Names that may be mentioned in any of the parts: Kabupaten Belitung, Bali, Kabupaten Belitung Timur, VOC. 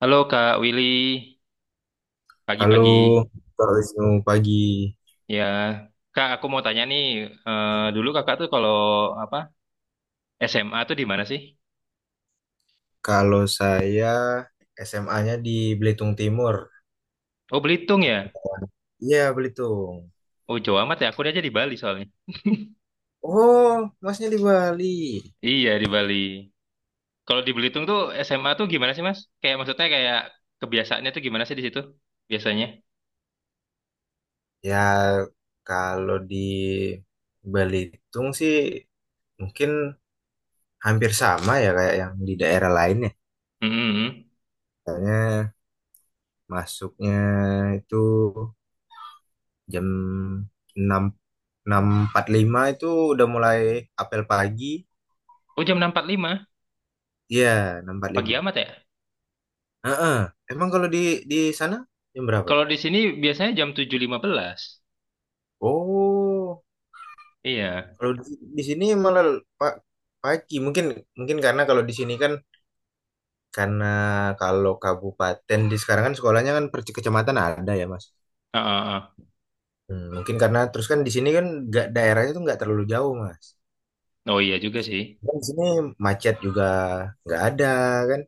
Halo Kak Willy, Halo, pagi-pagi. Kak Wisnu pagi. Ya, Kak aku mau tanya nih, dulu Kakak tuh kalau apa SMA tuh di mana sih? Kalau saya SMA-nya di Belitung Timur, Oh Belitung ya? Kepulauan. Iya, Belitung. Oh Jawa amat ya, aku aja di Bali soalnya. Oh, masnya di Bali. Iya di Bali. Kalau di Belitung tuh SMA tuh gimana sih Mas? Kayak maksudnya kayak kebiasaannya tuh gimana sih di situ biasanya? Ya, kalau di Belitung sih mungkin hampir sama ya kayak yang di daerah lain ya. Mm-mm. Soalnya masuknya itu jam enam 6:45 itu udah mulai apel pagi. Oh jam 06.45 Iya, enam empat puluh pagi lima. amat ya? Heeh. Emang kalau di sana jam berapa? Kalau di sini biasanya jam 07.15. Oh, Iya. kalau di sini malah pak pagi. Mungkin mungkin karena kalau di sini kan karena kalau kabupaten di sekarang kan sekolahnya kan per kecamatan ada ya, Mas. Ah, ah, ah. Hmm, mungkin karena terus kan di sini kan nggak daerahnya tuh nggak terlalu jauh, Mas. Oh iya juga sih. Dan di sini macet juga nggak ada kan?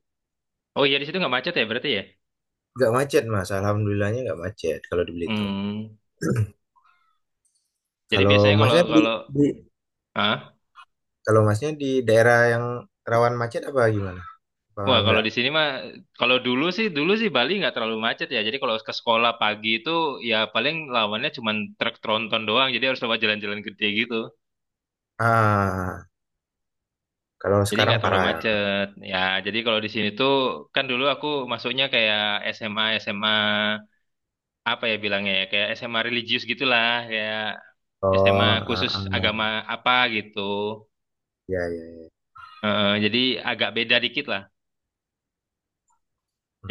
Oh iya di situ nggak macet ya berarti ya? Nggak macet, Mas. Alhamdulillahnya nggak macet kalau di Belitung. Hmm. Jadi Kalau biasanya kalau Masnya kalau di- ah, kalau Masnya di daerah yang rawan macet apa gimana? Apa wah, kalau enggak? di sini mah kalau dulu sih Bali nggak terlalu macet ya. Jadi kalau ke sekolah pagi itu ya paling lawannya cuma truk tronton doang. Jadi harus lewat jalan-jalan gede gitu. Ah, kalau Jadi sekarang nggak terlalu parah ya. macet. Ya jadi kalau di sini tuh kan dulu aku masuknya kayak SMA SMA apa ya bilangnya ya, kayak SMA religius gitulah kayak SMA Oh, ah, khusus agama ah, apa gitu. ya, ya, ya. Jadi agak beda dikit lah.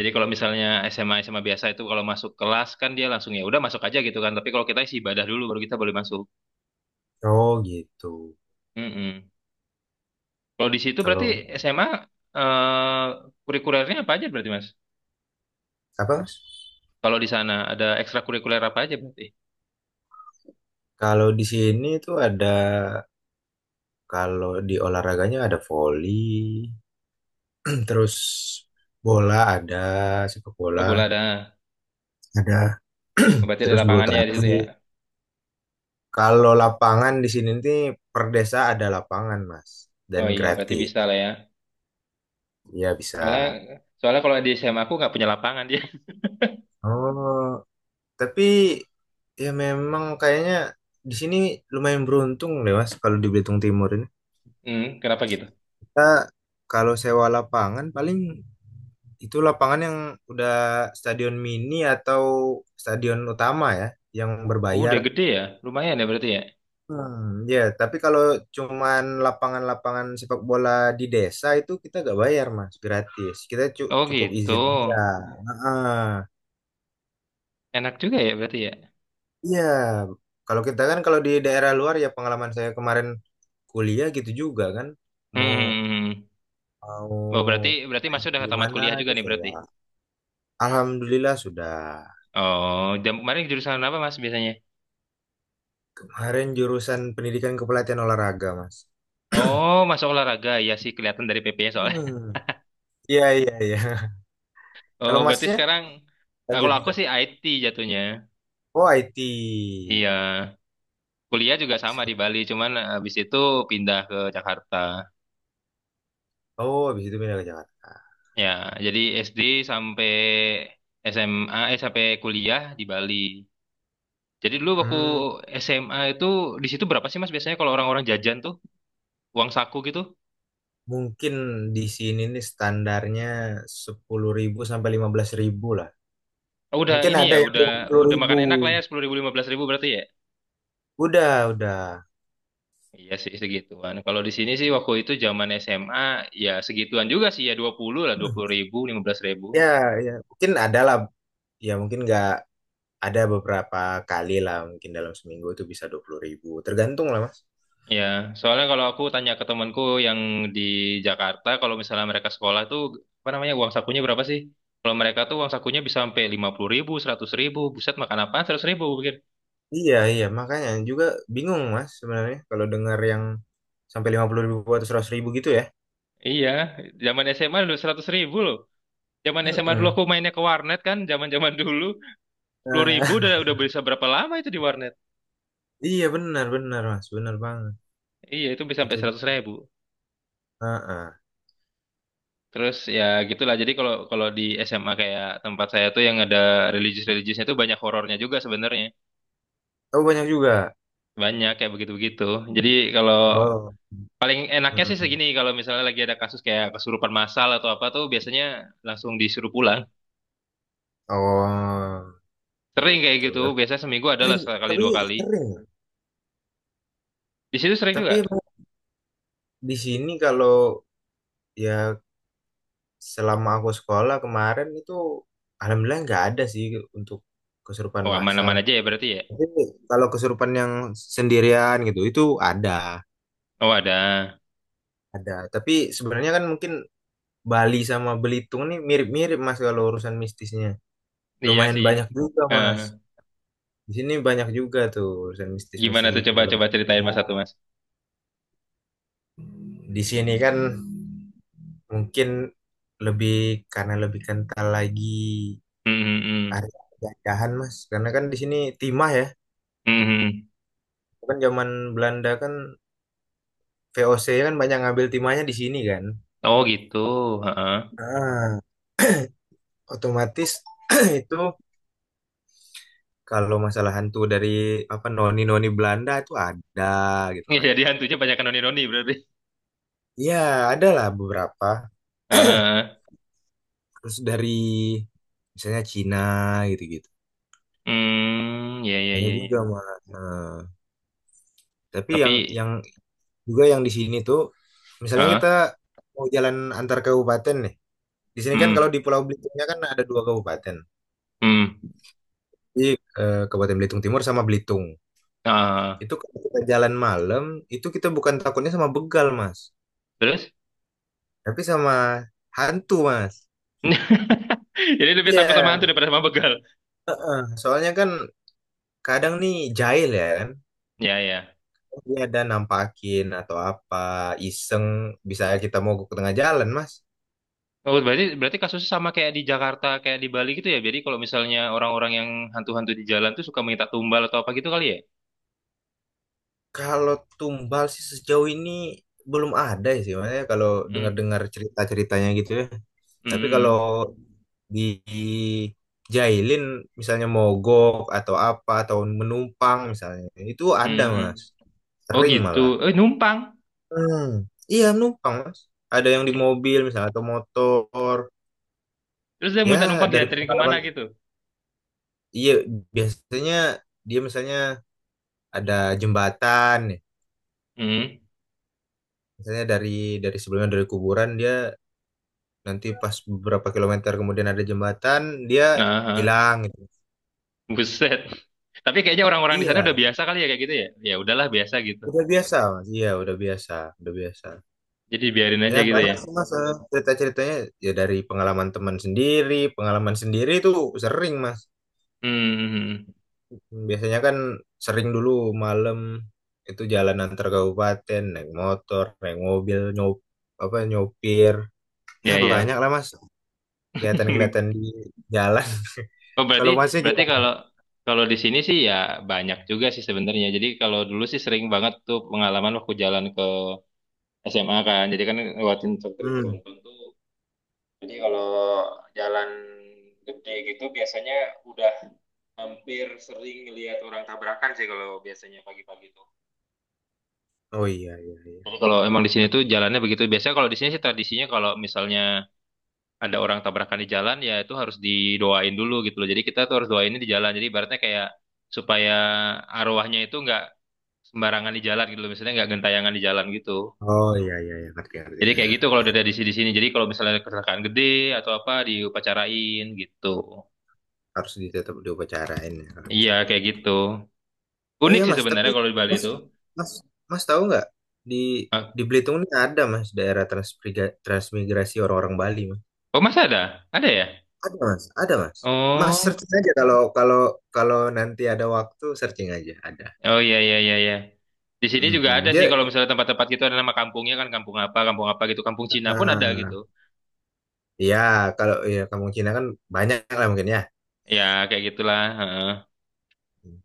Jadi kalau misalnya SMA SMA biasa itu kalau masuk kelas kan dia langsung ya udah masuk aja gitu kan. Tapi kalau kita isi ibadah dulu baru kita boleh masuk. Oh, gitu. Mm-mm. Kalau di situ berarti Kalau SMA eh, kurikulernya apa aja berarti Mas? apa? Mas? Kalau di sana ada ekstrakurikuler apa aja berarti? Kalau di sini tuh ada, kalau di olahraganya ada voli, terus bola ada, sepak Oh bola bola ada. ada, Oh, berarti ada terus bulu lapangannya di situ ya. tangkis. Kalau lapangan di sini nih per desa ada lapangan, Mas, dan Oh iya berarti gratis. bisa lah ya. Ya bisa. Soalnya soalnya kalau di SMA aku nggak punya lapangan dia. Oh. Tapi ya memang kayaknya di sini lumayan beruntung deh Mas kalau di Belitung Timur ini. Hmm, kenapa gitu? Kita kalau sewa lapangan paling itu lapangan yang udah stadion mini atau stadion utama ya yang Oh, udah berbayar. gede ya. Lumayan ya berarti ya. Hmm, ya, tapi kalau cuman lapangan-lapangan sepak bola di desa itu kita gak bayar Mas, gratis. Kita Oh cukup gitu. izin aja. Heeh. Enak juga ya berarti ya. Iya, kalau kita kan kalau di daerah luar ya pengalaman saya kemarin kuliah gitu juga kan Hmm, mau hmm, hmm, hmm. mau Oh, berarti berarti main Mas udah di tamat mana kuliah juga itu nih berarti. sewa. Alhamdulillah sudah. Oh, jam kemarin jurusan apa Mas biasanya? Kemarin jurusan pendidikan kepelatihan olahraga, Mas. Oh, masuk olahraga ya sih kelihatan dari PP-nya soalnya. Hmm. Iya, iya, iya. Oh, Kalau berarti Masnya sekarang lanjut kalau aku juga. sih IT jatuhnya. Oh, IT. Iya, kuliah juga sama di Bali, cuman habis itu pindah ke Jakarta. Oh, habis itu pindah ke Jakarta. Ya, jadi SD sampai SMA, eh sampai kuliah di Bali. Jadi dulu waktu Hmm, SMA itu di situ berapa sih Mas biasanya kalau orang-orang jajan tuh uang saku gitu? mungkin di sini nih standarnya 10 ribu sampai 15 ribu lah. Oh, udah Mungkin ini ada ya, yang udah dua puluh udah ribu. makan enak lah ya 10 ribu 15 ribu berarti ya. Udah, udah. Iya sih segituan. Kalau di sini sih waktu itu zaman SMA ya segituan juga sih ya 20 lah 20 ribu 15 ribu. Ya, ya. Mungkin ada lah. Ya, mungkin nggak ada beberapa kali lah. Mungkin dalam seminggu itu bisa 20 ribu. Tergantung lah, Mas. Ya, soalnya kalau aku tanya ke temanku yang di Jakarta, kalau misalnya mereka sekolah tuh apa namanya uang sakunya berapa sih? Kalau mereka tuh uang sakunya bisa sampai 50 ribu, 100 ribu. Buset makan apa? 100 ribu pikir. Iya, iya. Makanya juga bingung, Mas, sebenarnya. Kalau dengar yang sampai 50 ribu atau 100 ribu gitu ya. Iya, zaman SMA dulu 100 ribu loh. Zaman SMA dulu Heeh. aku mainnya ke warnet kan, zaman-zaman dulu. 10 Nah, ribu udah, udah bisa berapa lama itu di warnet? iya, benar, benar, Mas. Benar banget. Iya itu bisa sampai Itu. 100 ribu. Heeh. Terus ya gitulah. Jadi kalau kalau di SMA kayak tempat saya tuh yang ada religius-religiusnya tuh banyak horornya juga sebenarnya. Oh, banyak juga. Banyak kayak begitu-begitu. Jadi kalau Oh. paling enaknya sih Heeh. segini kalau misalnya lagi ada kasus kayak kesurupan massal atau apa tuh biasanya langsung disuruh pulang. Oh, Sering kayak gitu. gitu. Tapi Biasanya seminggu adalah sering, sekali tapi dua kali. sering. Di situ sering Tapi juga. emang di sini kalau ya selama aku sekolah kemarin itu alhamdulillah nggak ada sih untuk kesurupan Oh massal. aman-aman aja ya berarti ya. Tapi kalau kesurupan yang sendirian gitu itu ada, Oh ada. ada. Tapi sebenarnya kan mungkin Bali sama Belitung nih mirip-mirip Mas kalau urusan mistisnya. Iya Lumayan sih. banyak juga Mas. Eh, Di sini banyak juga tuh urusan gimana mistis-mistis tuh gitu kalau coba-coba ceritain karena mas satu mas. di sini kan mungkin lebih karena lebih kental lagi Hmm, hmm, hmm. area penjajahan Mas. Karena kan di sini timah ya. Hmm, hmm, hmm. Kan zaman Belanda kan VOC kan banyak ngambil timahnya di sini kan. Oh gitu. Heeh. Ah, otomatis itu kalau masalah hantu dari apa noni-noni Belanda itu ada gitu kan. Jadi hantunya banyak noni-noni berarti. Iya, ada lah beberapa. Heeh. Terus dari misalnya Cina gitu-gitu. Hmm, ya ya Ada ya juga ya. mah. Eh, tapi yang Tapi yang juga yang di sini tuh misalnya heeh. kita mau jalan antar kabupaten nih. Di sini kan kalau Hmm. di Pulau Belitungnya kan ada dua kabupaten. Hmm. Di eh, Kabupaten Belitung Timur sama Belitung. Ah, Itu kalau kita jalan malam, itu kita bukan takutnya sama begal, Mas. terus? Tapi sama hantu, Mas. Jadi lebih takut sama hantu Iya. daripada sama begal. Soalnya kan kadang nih jahil ya kan. Ya ya. Dia ada nampakin atau apa, iseng, bisa kita mogok ke tengah jalan, Mas. Oh, berarti berarti kasusnya sama kayak di Jakarta, kayak di Bali gitu ya. Jadi kalau misalnya orang-orang yang hantu-hantu di jalan tuh suka minta tumbal atau apa gitu kali ya? Kalau tumbal sih sejauh ini belum ada sih, Mas. Ya, kalau Hmm. dengar-dengar cerita-ceritanya gitu ya. Tapi kalau Hmm. di dijailin misalnya mogok atau apa atau menumpang misalnya itu Hmm. ada Hmm. Hmm. mas Oh sering gitu. malah. Eh, numpang. Hmm, iya numpang mas. Ada yang di mobil misalnya atau motor. Terus dia minta Ya numpang dari dianterin kemana pengalaman, gitu? iya biasanya dia misalnya ada jembatan, nih. Hmm. Misalnya dari sebelumnya dari kuburan dia nanti pas beberapa kilometer kemudian ada jembatan dia Nah. hilang gitu. Buset. Tapi kayaknya orang-orang di sana udah Iya, biasa kali ya kayak gitu ya. Ya udahlah biasa gitu. udah biasa mas. Iya udah biasa, udah biasa. Jadi biarin aja Ya gitu ya. banyak sih mas eh, cerita-ceritanya ya dari pengalaman teman sendiri, pengalaman sendiri itu sering mas. Hmm, Biasanya kan sering dulu malam itu jalan antar kabupaten, naik motor, naik mobil, nyopir. Ah, ya banyak ya. lah Mas, kelihatan-kelihatan di jalan. Oh berarti Kalau Masnya berarti gimana? kalau kalau di sini sih ya banyak juga sih sebenarnya. Jadi kalau dulu sih sering banget tuh pengalaman waktu jalan ke SMA kan. Jadi kan lewatin struktur Hmm. beruntun tuh. Jadi kalau jalan gede gitu biasanya udah hampir sering lihat orang tabrakan sih kalau biasanya pagi-pagi. Oh iya iya iya. Jadi kalau emang di sini tuh jalannya begitu. Biasanya kalau di sini sih tradisinya kalau misalnya ada orang tabrakan di jalan ya itu harus didoain dulu gitu loh. Jadi kita tuh harus doainnya di jalan. Jadi ibaratnya kayak supaya arwahnya itu nggak sembarangan di jalan gitu loh. Misalnya nggak gentayangan di jalan gitu. Oh iya iya iya ngerti ngerti. Jadi Ya. kayak gitu kalau dari sini di sini. Jadi kalau misalnya ada kecelakaan gede atau apa diupacarain gitu. Harus ditetap diupacarain ya kalau bisa. Iya kayak gitu. Oh Unik iya sih Mas, tapi sebenarnya kalau di Bali Mas itu. Mas Mas tahu nggak di Ah, di Belitung ini ada Mas daerah transmigrasi orang-orang Bali. oh masih ada? Ada ya? Ada mas, ada mas. Mas Oh. searching aja kalau kalau kalau nanti ada waktu searching aja ada. Oh iya iya iya iya. Di sini juga ada Hmm, dia sih kalau misalnya tempat-tempat gitu ada nama kampungnya kan kampung apa gitu. Kampung Cina pun ada gitu. ah, ya kalau ya kampung Cina kan banyak lah mungkin ya. Ya kayak gitulah. Heeh. Hmm.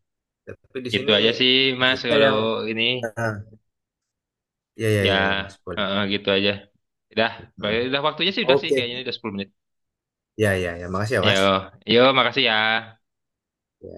Tapi di Gitu sini aja sih Mas maksudnya kalau yang ini ah, ya ya ya ya ya mas heeh, boleh. gitu aja. Udah, Ah, udah waktunya sih udah sih oke. kayaknya ini udah 10 menit. Ya ya ya makasih ya Yo, mas. yo makasih ya. Ya.